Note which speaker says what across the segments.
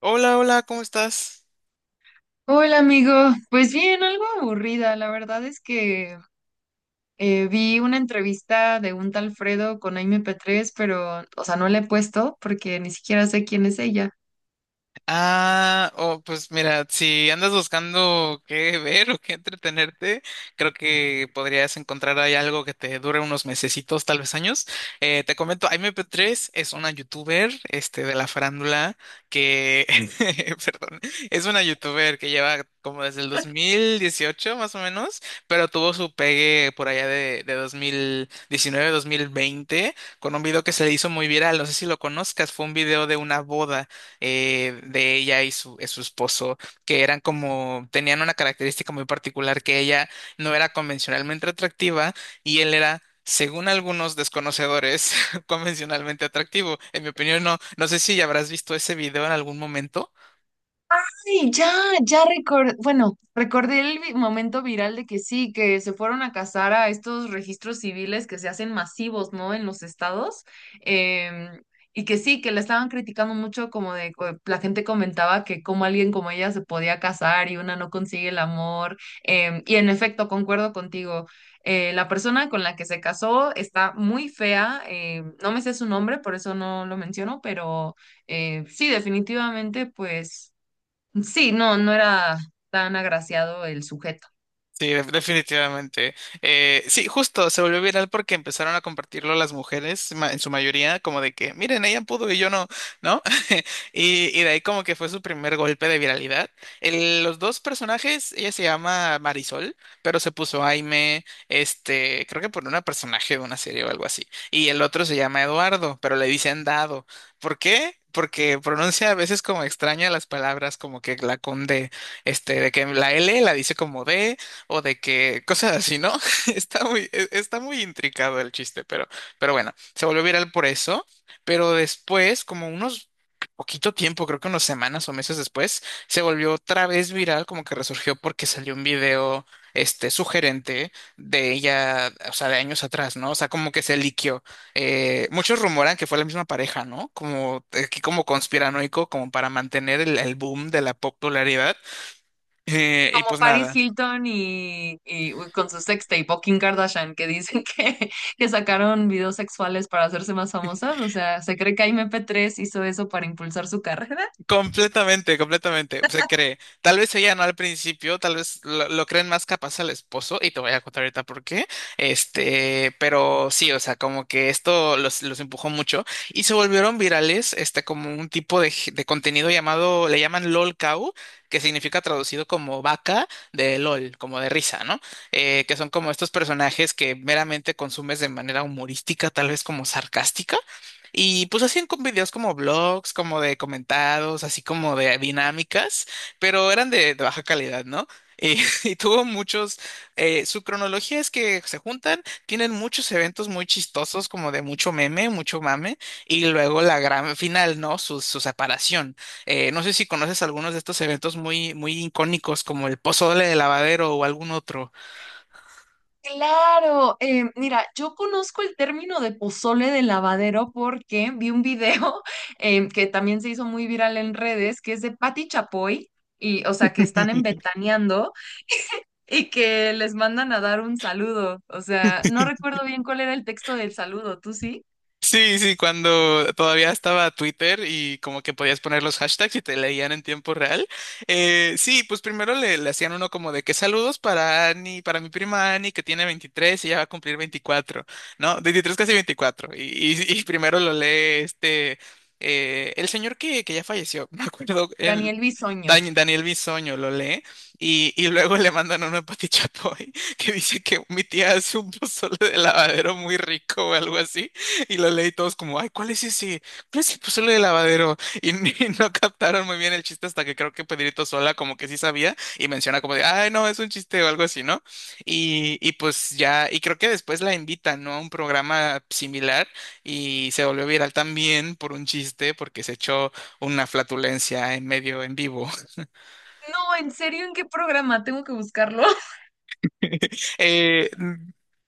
Speaker 1: Hola, hola, ¿cómo estás?
Speaker 2: Hola amigo, pues bien, algo aburrida. La verdad es que vi una entrevista de un tal Fredo con Aime P3, pero, o sea, no la he puesto porque ni siquiera sé quién es ella.
Speaker 1: Ah, oh, pues mira, si andas buscando qué ver o qué entretenerte, creo que podrías encontrar ahí algo que te dure unos mesecitos, tal vez años. Te comento, imp tres es una youtuber, este, de la farándula que, perdón, es una youtuber que lleva como desde el 2018 más o menos, pero tuvo su pegue por allá de 2019, 2020 con un video que se le hizo muy viral, no sé si lo conozcas, fue un video de una boda de ella y y su esposo, que eran como, tenían una característica muy particular, que ella no era convencionalmente atractiva y él era... Según algunos desconocedores, convencionalmente atractivo. En mi opinión, no. No sé si habrás visto ese video en algún momento.
Speaker 2: Ay, ya, ya recordé, bueno, recordé momento viral de que sí, que se fueron a cazar a estos registros civiles que se hacen masivos, ¿no? En los estados. em, y que sí, que la estaban criticando mucho, como de, la gente comentaba que como alguien como ella se podía casar y una no consigue el amor. Y en efecto, concuerdo contigo. La persona con la que se casó está muy fea, no me sé su nombre, por eso no lo menciono, pero sí, definitivamente, pues. Sí, no, no era tan agraciado el sujeto.
Speaker 1: Sí, definitivamente. Sí, justo se volvió viral porque empezaron a compartirlo las mujeres, en su mayoría, como de que, miren, ella pudo y yo no, ¿no? Y de ahí como que fue su primer golpe de viralidad. Los dos personajes, ella se llama Marisol, pero se puso Aime, este, creo que por una personaje de una serie o algo así. Y el otro se llama Eduardo, pero le dicen Dado. ¿Por qué? Porque pronuncia a veces como extraña las palabras, como que la conde, este, de que la L la dice como D o de que cosas así, ¿no? Está muy, está muy intricado el chiste, pero bueno, se volvió viral por eso. Pero después, como unos poquito tiempo, creo que unas semanas o meses después, se volvió otra vez viral, como que resurgió porque salió un video, este, sugerente de ella, o sea, de años atrás, ¿no? O sea, como que se liqueó. Muchos rumoran que fue la misma pareja, ¿no? Como aquí como conspiranoico, como para mantener el boom de la popularidad. Y
Speaker 2: Como
Speaker 1: pues
Speaker 2: Paris
Speaker 1: nada.
Speaker 2: Hilton y uy, con su sextape o Kim Kardashian, que dicen que sacaron videos sexuales para hacerse más famosas. O sea, ¿se cree que MP3 hizo eso para impulsar su carrera?
Speaker 1: Completamente, completamente. Se cree. Tal vez ella no al principio, tal vez lo creen más capaz al esposo, y te voy a contar ahorita por qué. Este, pero sí, o sea, como que esto los empujó mucho y se volvieron virales, este, como un tipo de contenido llamado, le llaman LOL Cow, que significa traducido como vaca de LOL, como de risa, ¿no? Que son como estos personajes que meramente consumes de manera humorística, tal vez como sarcástica y pues hacían con videos como blogs, como de comentados, así como de dinámicas, pero eran de baja calidad, ¿no? Y, y tuvo muchos, su cronología es que se juntan, tienen muchos eventos muy chistosos, como de mucho meme, mucho mame, y luego la gran final, ¿no? Su separación. No sé si conoces algunos de estos eventos muy, muy icónicos, como el pozole de lavadero o algún otro.
Speaker 2: Claro, mira, yo conozco el término de pozole de lavadero porque vi un video que también se hizo muy viral en redes, que es de Patti Chapoy, y, o sea, que están en Ventaneando y que les mandan a dar un saludo. O sea, no recuerdo bien cuál era el texto del saludo, ¿tú sí?
Speaker 1: Sí, sí, cuando todavía estaba Twitter y como que podías poner los hashtags y te leían en tiempo real. Sí, pues primero le hacían uno como de que saludos para Ani, para mi prima Ani que tiene 23 y ya va a cumplir 24, ¿no? 23 casi 24. Y primero lo lee este, el señor que ya falleció, me acuerdo, el...
Speaker 2: Daniel Bisoño.
Speaker 1: Daniel Bisoño lo lee y luego le mandan uno a Pati Chapoy que dice que mi tía hace un pozole de lavadero muy rico o algo así. Y lo leí todos como, ay, ¿cuál es ese? ¿Cuál es el pozole de lavadero? Y, ni- no captaron muy bien el chiste hasta que creo que Pedrito Sola como que sí sabía y menciona como de, ay, no, es un chiste o algo así, ¿no? Y pues ya, y creo que después la invitan, ¿no? A un programa similar y se volvió viral también por un chiste porque se echó una flatulencia en medio en vivo.
Speaker 2: No, en serio, ¿en qué programa? Tengo que buscarlo.
Speaker 1: Eh,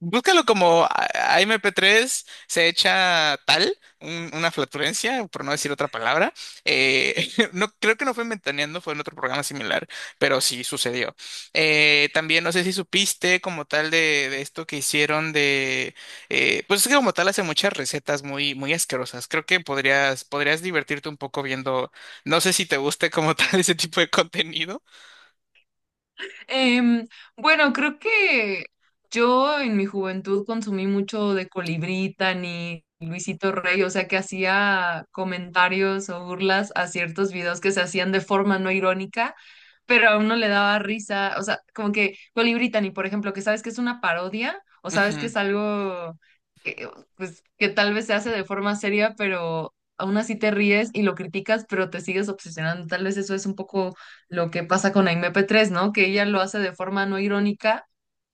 Speaker 1: búscalo como AMP3 se echa tal, una flatulencia, por no decir otra palabra. No, creo que no fue en Ventaneando, fue en otro programa similar, pero sí sucedió. También no sé si supiste como tal de esto que hicieron de... pues es que como tal hace muchas recetas muy, muy asquerosas. Creo que podrías, podrías divertirte un poco viendo... No sé si te guste como tal ese tipo de contenido.
Speaker 2: Em, bueno, creo que yo en mi juventud consumí mucho de Colibrí, ni Luisito Rey, o sea que hacía comentarios o burlas a ciertos videos que se hacían de forma no irónica, pero a uno le daba risa, o sea, como que Colibrí, ni por ejemplo, que sabes que es una parodia o sabes que
Speaker 1: Ujú.
Speaker 2: es algo que, pues, que tal vez se hace de forma seria, pero aún así te ríes y lo criticas, pero te sigues obsesionando. Tal vez eso es un poco lo que pasa con Aimee P3, ¿no? Que ella lo hace de forma no irónica,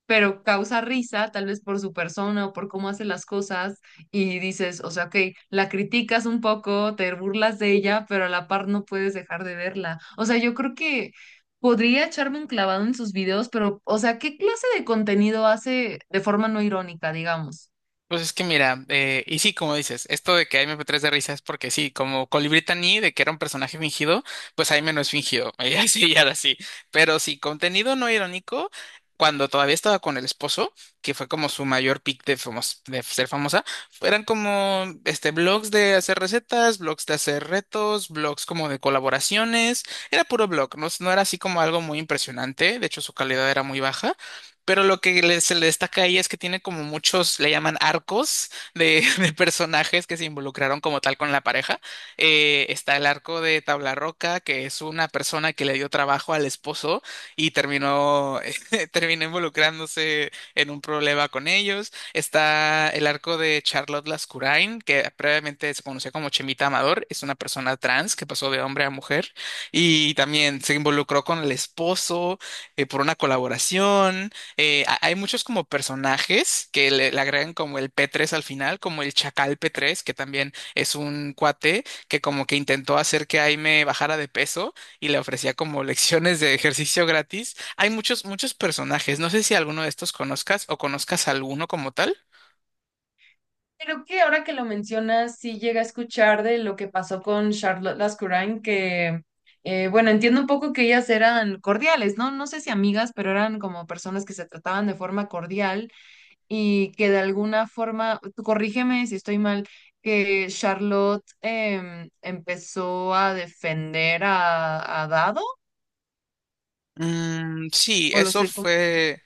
Speaker 2: pero causa risa, tal vez por su persona o por cómo hace las cosas, y dices, o sea, ok, la criticas un poco, te burlas de ella, pero a la par no puedes dejar de verla. O sea, yo creo que podría echarme un clavado en sus videos, pero, o sea, ¿qué clase de contenido hace de forma no irónica, digamos?
Speaker 1: Pues es que mira, y sí, como dices, esto de que MP3 de risa es porque sí, como Colibrí Taní, de que era un personaje fingido, pues Jaime no es fingido, ella sí, ella ahora sí. Pero sí, contenido no irónico, cuando todavía estaba con el esposo, que fue como su mayor pick de ser famosa, eran como este, blogs de hacer recetas, blogs de hacer retos, blogs como de colaboraciones, era puro blog, no, no era así como algo muy impresionante, de hecho su calidad era muy baja pero lo que se le destaca ahí es que tiene como muchos, le llaman arcos de, de personajes que se involucraron como tal con la pareja. Está el arco de Tablarroca, que es una persona que le dio trabajo al esposo y terminó, terminó involucrándose en un problema con ellos. Está el arco de Charlotte Lascurain, que previamente se conocía como Chemita Amador, es una persona trans que pasó de hombre a mujer y también se involucró con el esposo por una colaboración hay muchos como personajes que le agregan como el P3 al final, como el Chacal P3 que también es un cuate que como que intentó hacer que Aime bajara de peso y le ofrecía como lecciones de ejercicio gratis. Hay muchos, muchos personajes. No sé si alguno de estos conozcas o conozcas alguno como tal.
Speaker 2: Creo que ahora que lo mencionas, sí llega a escuchar de lo que pasó con Charlotte Lascurain, que, bueno, entiendo un poco que ellas eran cordiales, ¿no? No sé si amigas, pero eran como personas que se trataban de forma cordial y que de alguna forma, tú corrígeme si estoy mal, que Charlotte empezó a defender a Dado,
Speaker 1: Mm, sí,
Speaker 2: o lo
Speaker 1: eso
Speaker 2: estoy confundiendo.
Speaker 1: fue.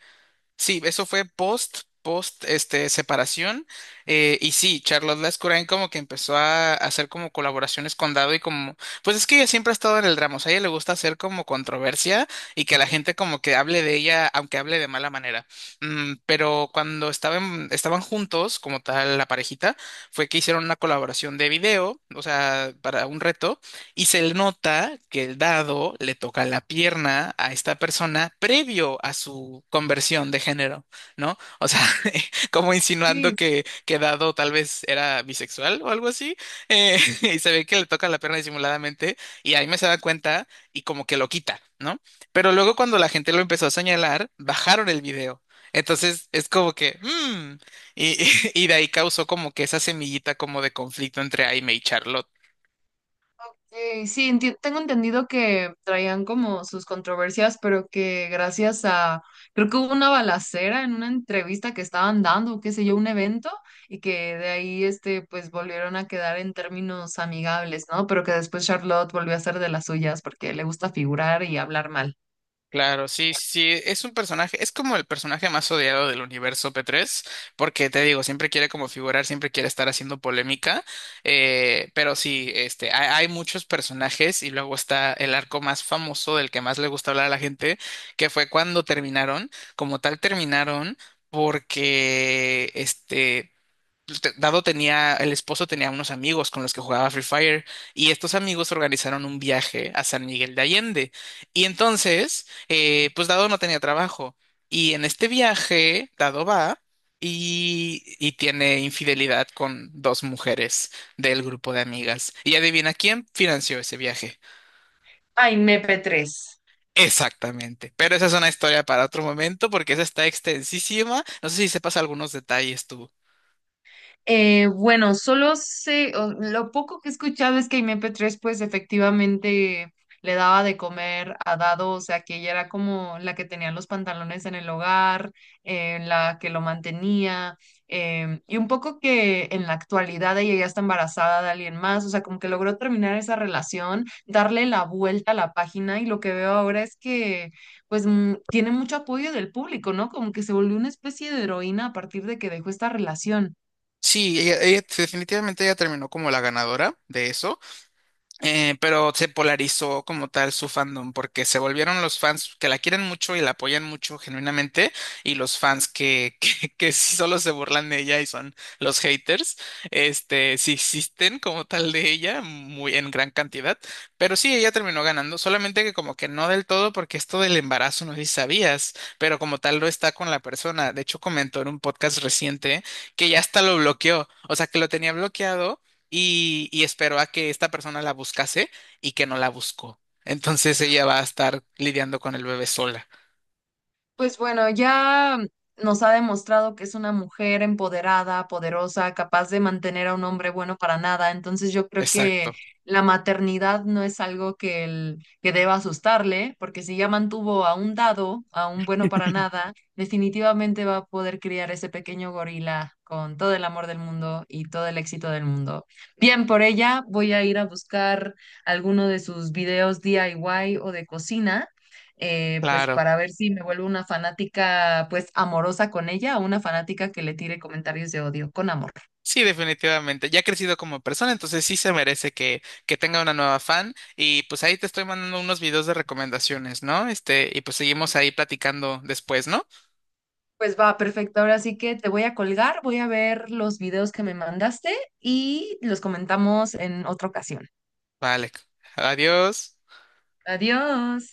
Speaker 1: Sí, eso fue post, este, separación. Y sí, Charlotte Lascurain como que empezó a hacer como colaboraciones con Dado y como, pues es que ella siempre ha estado en el drama, o sea, a ella le gusta hacer como controversia y que la gente como que hable de ella, aunque hable de mala manera. Pero cuando estaban juntos, como tal, la parejita, fue que hicieron una colaboración de video, o sea, para un reto, y se le nota que el dado le toca la pierna a esta persona previo a su conversión de género, ¿no? O sea, como insinuando que dado tal vez era bisexual o algo así, y se ve que le toca la pierna disimuladamente y ahí me se da cuenta y como que lo quita, ¿no? Pero luego cuando la gente lo empezó a señalar, bajaron el video. Entonces es como que, y, y de ahí causó como que esa semillita como de conflicto entre Aime y Charlotte.
Speaker 2: Sí, tengo entendido que traían como sus controversias, pero que gracias a, creo que hubo una balacera en una entrevista que estaban dando, qué sé yo, un evento, y que de ahí, este, pues volvieron a quedar en términos amigables, ¿no? Pero que después Charlotte volvió a ser de las suyas porque le gusta figurar y hablar mal.
Speaker 1: Claro, sí, sí, sí, es un personaje, es como el personaje más odiado del universo P3, porque te digo, siempre quiere como figurar, siempre quiere estar haciendo polémica, pero sí, este, hay muchos personajes y luego está el arco más famoso del que más le gusta hablar a la gente, que fue cuando terminaron, como tal terminaron, porque, este, Dado tenía, el esposo tenía unos amigos con los que jugaba Free Fire y estos amigos organizaron un viaje a San Miguel de Allende. Y entonces, pues Dado no tenía trabajo. Y en este viaje, Dado va y tiene infidelidad con dos mujeres del grupo de amigas. Y adivina quién financió ese viaje.
Speaker 2: Ay, MP3.
Speaker 1: Exactamente. Pero esa es una historia para otro momento porque esa está extensísima. No sé si sepas algunos detalles.
Speaker 2: Bueno, solo sé, lo poco que he escuchado es que MP3 pues efectivamente le daba de comer a Dado, o sea que ella era como la que tenía los pantalones en el hogar, la que lo mantenía, y un poco que en la actualidad ella ya está embarazada de alguien más, o sea, como que logró terminar esa relación, darle la vuelta a la página y lo que veo ahora es que pues tiene mucho apoyo del público, ¿no? Como que se volvió una especie de heroína a partir de que dejó esta relación.
Speaker 1: Sí, definitivamente ella terminó como la ganadora de eso. Pero se polarizó como tal su fandom, porque se volvieron los fans que la quieren mucho y la apoyan mucho genuinamente, y los fans que, que sí solo se burlan de ella y son los haters, este, sí existen como tal de ella, muy en gran cantidad, pero sí, ella terminó ganando, solamente que como que no del todo, porque esto del embarazo no sé si sabías, pero como tal no está con la persona, de hecho comentó en un podcast reciente que ya hasta lo bloqueó, o sea que lo tenía bloqueado y esperó a que esta persona la buscase y que no la buscó. Entonces ella va a estar lidiando con el bebé sola.
Speaker 2: Pues bueno, ya nos ha demostrado que es una mujer empoderada, poderosa, capaz de mantener a un hombre bueno para nada. Entonces yo creo
Speaker 1: Exacto.
Speaker 2: que la maternidad no es algo que, que deba asustarle, porque si ya mantuvo a un dado, a un bueno para nada, definitivamente va a poder criar ese pequeño gorila con todo el amor del mundo y todo el éxito del mundo. Bien, por ella voy a ir a buscar alguno de sus videos DIY o de cocina pues
Speaker 1: Claro.
Speaker 2: para ver si me vuelvo una fanática pues amorosa con ella o una fanática que le tire comentarios de odio con amor.
Speaker 1: Sí, definitivamente. Ya ha crecido como persona, entonces sí se merece que tenga una nueva fan. Y pues ahí te estoy mandando unos videos de recomendaciones, ¿no? Este, y pues seguimos ahí platicando después, ¿no?
Speaker 2: Pues va, perfecto. Ahora sí que te voy a colgar, voy a ver los videos que me mandaste y los comentamos en otra ocasión.
Speaker 1: Vale. Adiós.
Speaker 2: Adiós.